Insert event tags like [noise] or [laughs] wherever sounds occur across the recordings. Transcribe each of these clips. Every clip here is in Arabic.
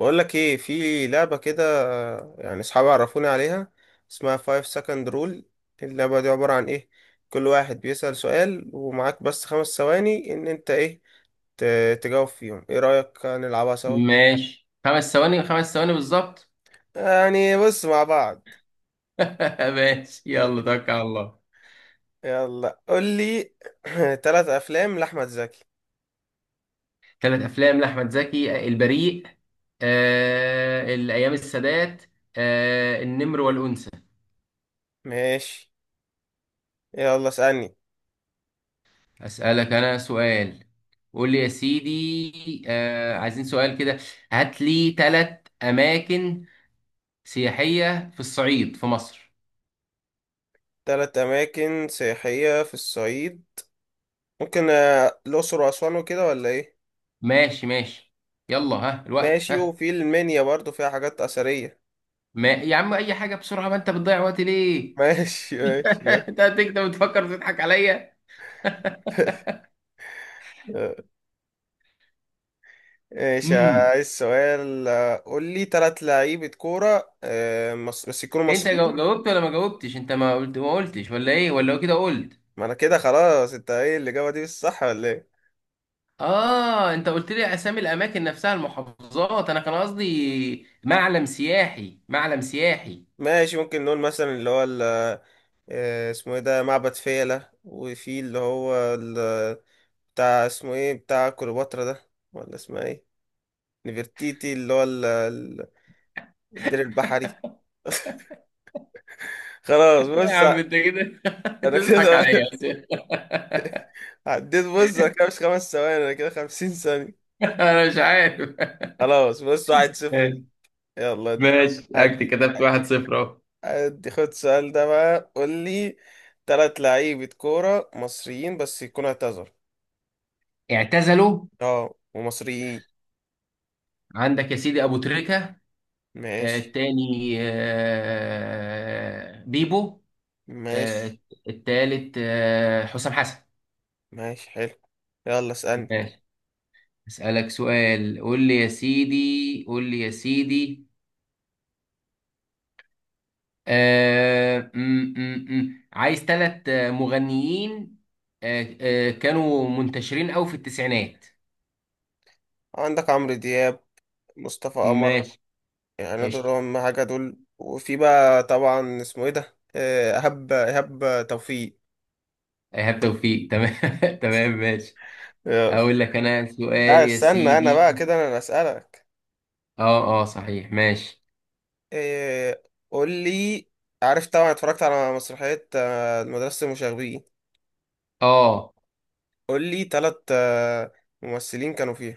بقول لك ايه في لعبة كده. يعني اصحابي عرفوني عليها. اسمها 5 second rule. اللعبة دي عبارة عن ايه؟ كل واحد بيسأل سؤال ومعاك بس خمس ثواني ان انت ايه، تجاوب فيهم. ايه رأيك نلعبها سوا؟ ماشي، 5 ثواني، 5 ثواني بالظبط. يعني بص مع بعض. [laughs] ماشي، يلا توكل على الله. يلا قول لي. [clears throat] تلات افلام لأحمد زكي. ثلاث افلام لاحمد زكي: البريء، الايام، السادات، النمر والانثى. ماشي، يلا اسألني. اسالك انا سؤال. قول لي يا سيدي، عايزين سؤال كده. هات لي ثلاث اماكن سياحيه في الصعيد في مصر. تلات اماكن سياحية في الصعيد. ممكن الاقصر واسوان وكده، ولا ايه؟ ماشي ماشي. يلا ها الوقت ماشي، ها. وفي المنيا برضو فيها حاجات أثرية. ما يا عم، اي حاجه بسرعه، ما انت بتضيع وقتي ليه؟ ماشي [laughs] ماشي يا انت هتكتب وتفكر تضحك عليا. [laughs] ماشي، امم عايز سؤال. قول لي ثلاث لعيبة كورة مصر، بس يكونوا انت مصريين. جاوبت ولا ما جاوبتش؟ انت ما قلت، ما قلتش ولا ايه ولا كده قلت؟ ما انا كده خلاص. انت ايه الإجابة دي؟ مش صح ولا ايه؟ اه، انت قلت لي اسامي الاماكن نفسها، المحافظات. انا كان قصدي معلم سياحي، معلم سياحي. ماشي، ممكن نقول مثلا اسمه ايه ده، معبد فيلة. وفي بتاع، اسمه ايه، بتاع كليوباترا ده، ولا اسمها ايه، نفرتيتي. اللي هو ال- ال- الدير البحري. خلاص [laughs] لا يا بص، عم انت كده. [laughs] انت انا تضحك عليا كده يا [laughs] أسامي. [laughs] عديت. بص انا كده مش خمس ثواني، انا كده خمسين ثانية. انا مش عارف. خلاص بص، واحد صفر لي. [laughs] يلا انت. ماشي، اكت هديك كتبت واحد هديك صفر اهو. هدي، خد السؤال ده بقى، قول لي تلات لعيبة كورة مصريين بس يكونوا اعتذروا. اعتزلوا. اه، ومصريين. عندك يا سيدي ابو تريكة. ماشي. التاني بيبو. آه، ماشي. التالت حسام حسن. ماشي حلو، يلا اسألني. ماشي. أسألك سؤال، قول لي يا سيدي، قول لي يا سيدي. آه م -م -م. عايز ثلاث مغنيين كانوا منتشرين أوي في التسعينات. عندك عمرو دياب، مصطفى قمر، ماشي، يعني دول قشطة. هم حاجة. دول وفي بقى طبعا اسمه ايه ده، إيهاب توفيق. إيهاب توفيق، تمام. [laughs] تمام ماشي. يلا. أقول لك أنا سؤال لا، يا استنى، انا بقى سيدي. كده انا اللي اسألك. أه، أه، صحيح، ماشي. إيه، قول لي. عارف طبعا اتفرجت على مسرحية مدرسة المشاغبين. أه قول لي تلات ممثلين كانوا فيها.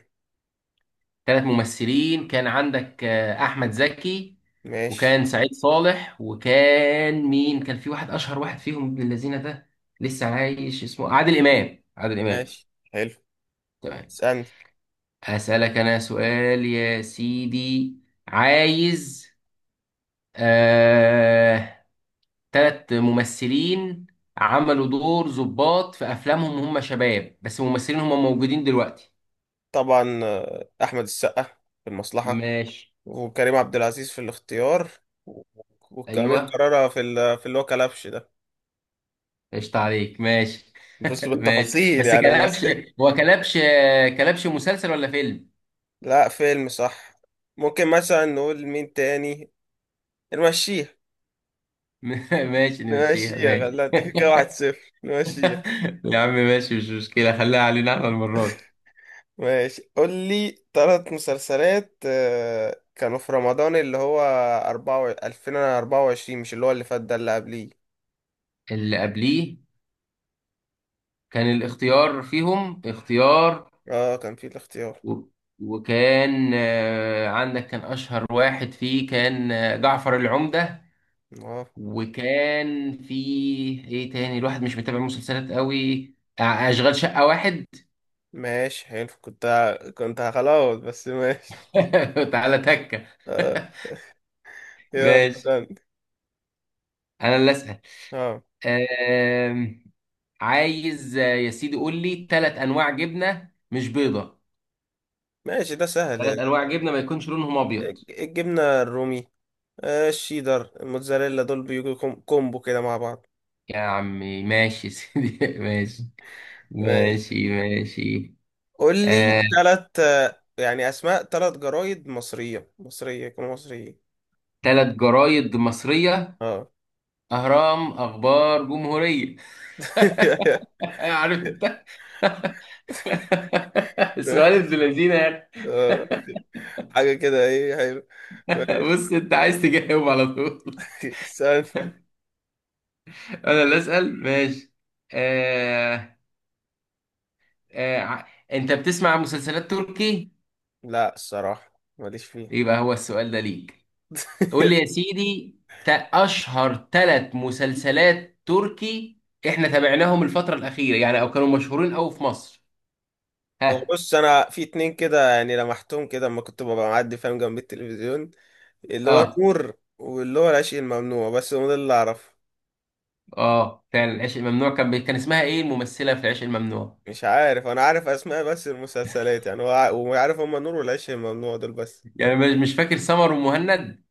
ثلاث ممثلين، كان عندك احمد زكي، ماشي. وكان سعيد صالح، وكان مين؟ كان في واحد اشهر واحد فيهم، ابن الذين ده لسه عايش، اسمه عادل امام، عادل امام. ماشي حلو. تمام. اسألني. اسالك انا سؤال يا سيدي. عايز آه... ثلاث ممثلين عملوا دور ضباط في افلامهم، هم شباب بس ممثلين هم موجودين دلوقتي. طبعا أحمد السقا في المصلحة، ماشي. وكريم عبد العزيز في الاختيار، و- وأمير ايوه، كرارة في اللي هو كلبش ده. قشطة عليك، ماشي. بص [laughs] ماشي، بالتفاصيل بس يعني كلبش، ممثل. هو كلبش، كلبش مسلسل ولا فيلم؟ لا، فيلم صح. ممكن مثلا نقول مين تاني، نمشيها. [laughs] ماشي نمشيها نمشيها؟ ماشي. لا، انت كده واحد [laughs] صفر، نمشيها. يا عم ماشي، مش مشكلة، خليها علينا احنا المرة دي. ماشي، قول لي ثلاث مسلسلات كانوا في رمضان اللي هو أربعة و... 2024، مش اللي هو اللي فات ده، اللي قبليه. اللي قبليه كان الاختيار فيهم، اختيار، اه، كان في الاختيار. و... وكان عندك كان أشهر واحد فيه كان جعفر العمدة. اه، وكان فيه ايه تاني؟ الواحد مش متابع مسلسلات قوي، أشغال شقة واحد. ماشي حلو. كنت هخلاص، بس ماشي. [laughs] تعالى تكة. آه. [laughs] يلا ماشي، استنى. انا اللي اسال. اه، أم... عايز، يا سيدي قول لي ثلاث انواع جبنه مش بيضه. ماشي، ده سهل. ثلاث انواع جبنه ما يكونش لونهم ابيض. الجبنة الرومي، آه الشيدر، الموتزاريلا، دول بيجوا كومبو كده مع بعض. يا عمي ماشي يا سيدي. [laughs] ماشي ماشي، ماشي ماشي. قول لي آه، ثلاث، يعني أسماء ثلاث جرايد مصرية، مصرية، يكونوا مصريين. ثلاث جرايد مصريه. اه اهرام، اخبار، جمهوريه. [laughs] [laughs] عارف انت. [laughs] السؤال ابن ماشي. لذينه يا أخي. آه، حاجة كده ايه حلو، [laughs] ماشي بص، انت عايز تجاوب على طول. [laughs] استنى. [laughs] انا اللي اسال، ماشي. آه، انت بتسمع مسلسلات تركي؟ لا، الصراحة ماليش فيه. يبقى هو السؤال ده ليك. تقول لي يا [laughs] سيدي، تا- اشهر ثلاث مسلسلات تركي احنا تابعناهم الفترة الأخيرة يعني، او كانوا مشهورين قوي في مصر. هو ها. بص، انا في اتنين كده يعني لمحتهم كده اما كنت ببقى معدي، فاهم، جنب التلفزيون، اللي هو اه، النور واللي هو العشق الممنوع، بس هو ده اللي اعرفه. اه، فعلا، العشق الممنوع كان اسمها ايه الممثلة في العشق الممنوع؟ مش عارف، انا عارف اسماء بس المسلسلات، يعني هو وعارف هما النور والعشق الممنوع دول بس. يعني مش فاكر، سمر ومهند،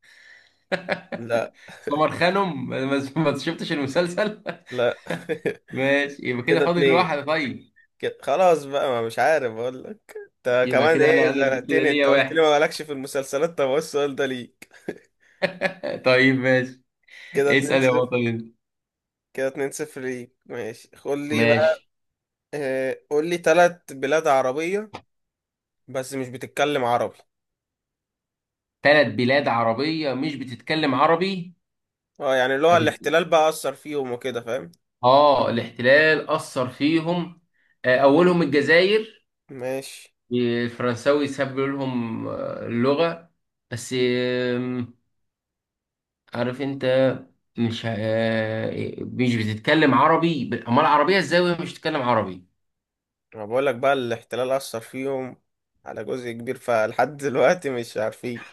لا، سمر خانم. [laughs] ما شفتش المسلسل. لا [laughs] [laughs] ماشي، يبقى كده كده فاضل اتنين. واحد. طيب، كده خلاص بقى، ما مش عارف اقول لك انت يبقى كمان كده انا ايه، انا اللي كده زنقتني، ليا انت قلت لي واحد. ما مالكش في المسلسلات، طب هو السؤال ده ليك [laughs] [laughs] طيب ماشي، كده 2 اسأل يا 0 بطل انت. كده 2-0 ليك، ماشي قول لي بقى. ماشي، قول لي ثلاث بلاد عربية، بس مش بتتكلم عربي. ثلاث بلاد عربية مش بتتكلم عربي. اه، يعني اللي هو أبي- الاحتلال بقى أثر فيهم وكده، فاهم. اه، الاحتلال أثر فيهم. أولهم الجزائر، ماشي، الفرنساوي ساب لهم اللغة، بس عارف أنت. مش بتتكلم عربي، أمال العربية إزاي وهي مش بتتكلم عربي؟ انا بقول لك بقى الاحتلال أثر فيهم على جزء كبير، فلحد دلوقتي مش عارفين.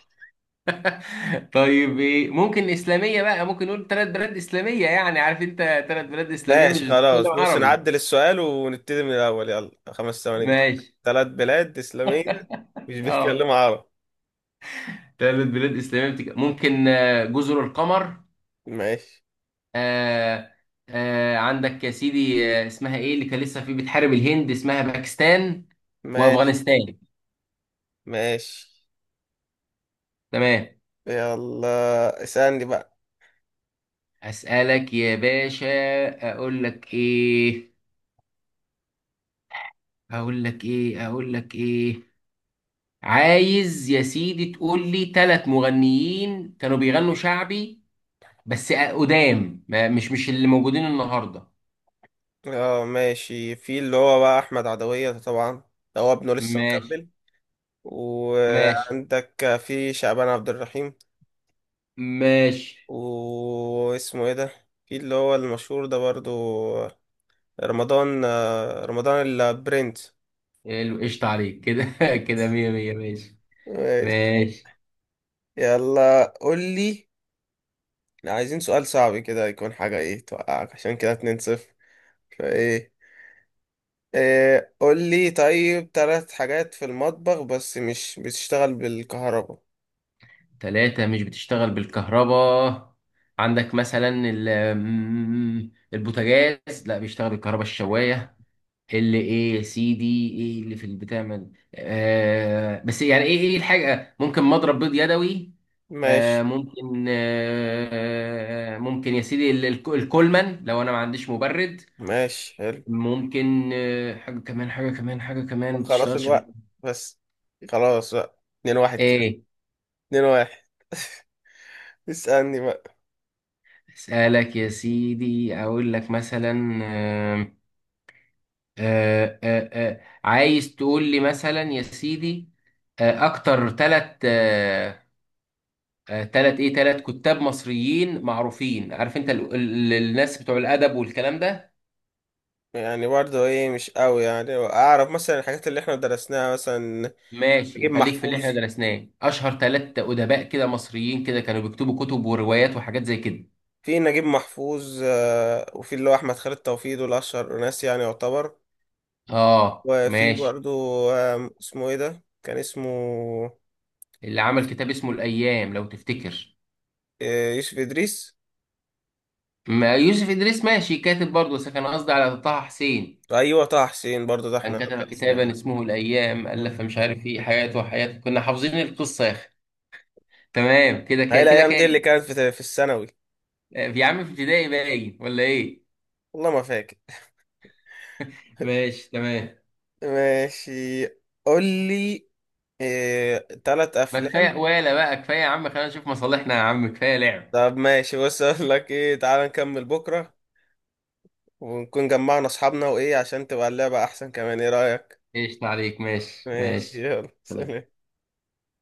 [laughs] طيب إيه، ممكن إسلامية بقى، ممكن نقول ثلاث بلاد إسلامية يعني، عارف أنت. ثلاث بلاد إسلامية مش ماشي خلاص، بتتكلم بص، عربي. نعدل السؤال ونبتدي من الأول، يلا خمس ثواني كده. ماشي. ثلاث بلاد إسلامية مش اه، بيتكلموا عربي. ثلاث بلاد إسلامية ممكن جزر القمر، ماشي. آه، عندك يا سيدي اسمها إيه اللي كان لسه في بتحارب الهند، اسمها باكستان، ماشي. وأفغانستان. ماشي. تمام. يلا اسألني بقى. أسألك يا باشا، أقول لك إيه، أقول لك إيه، أقول لك إيه. عايز يا سيدي تقول لي ثلاث مغنيين كانوا بيغنوا شعبي بس قدام، مش اللي موجودين النهارده. اه، ماشي، في اللي هو بقى أحمد عدوية ده طبعا، ده هو ابنه لسه ماشي مكمل. ماشي وعندك في شعبان عبد الرحيم. ماشي. واسمه ايه ده، في اللي هو المشهور ده برضو، رمضان البرنس. حلو، قشطة عليك كده. [laughs] كده مية مية. ماشي ماشي. يلا قول لي. عايزين سؤال صعب كده، يكون حاجة ايه، توقعك، عشان كده 2 صفر. فايه، إيه قول لي؟ طيب، ثلاث حاجات في المطبخ بس مش بتشتغل بالكهرباء. تلاتة مش بتشتغل بالكهرباء. عندك مثلا البوتاجاز، لا بيشتغل بالكهرباء. الشواية، اللي ايه يا سيدي، ايه اللي في اللي بتعمل، بس يعني ايه الحاجة؟ ممكن مضرب بيض يدوي. ماشي. ممكن، ممكن يا سيدي الكولمان لو انا ما عنديش مبرد. ماشي حلو. ممكن حاجة كمان، حاجة كمان، حاجة كمان طب ما خلاص، بتشتغلش الوقت بس، خلاص بقى اتنين واحد كده. ايه. اتنين واحد. اسألني بقى. اسالك يا سيدي، اقول لك مثلا، عايز تقول لي مثلا يا سيدي، اكتر ثلاث، ثلاث ايه ثلاث كتاب مصريين معروفين، عارف انت الناس بتوع الادب والكلام ده. يعني برضه ايه، مش قوي يعني، اعرف مثلا الحاجات اللي احنا درسناها مثلا. ماشي، نجيب خليك في اللي احنا محفوظ. درسناه. اشهر ثلاث ادباء كده مصريين كده كانوا بيكتبوا كتب وروايات وحاجات زي كده. في نجيب محفوظ، وفي اللي هو احمد خالد توفيق، دول اشهر ناس يعني، يعتبر. اه، وفي ماشي. برضو اسمه ايه ده، كان اسمه اللي عمل يوسف، كتاب اسمه الايام، لو تفتكر. يوسف ادريس. ما يوسف إدريس ماشي كاتب برضه، بس كان قصدي على طه حسين. ايوه، طه حسين برضو ده كان احنا كتب كتابا درسناه. اسمه الأيام، آه. ألف مش عارف إيه، حياته وحياته كنا حافظين القصة يا أخي. تمام، كده هاي كده كده الايام كام؟ دي اللي كانت في الثانوي. يا عم في ابتدائي باين، ولا إيه؟ والله ما فاكر. ماشي، تمام. ماشي، قول لي آه، تلات ما كفاية افلام. ولا بقى، كفاية يا عم، خلينا نشوف مصالحنا، يا عم كفاية لعب. طب ماشي، بص اقول لك ايه، تعال نكمل بكره، ونكون جمعنا اصحابنا وايه، عشان تبقى اللعبه احسن كمان. ايه رايك؟ قشطة عليك، ماشي ماشي، ماشي. يلا سلام. سلام.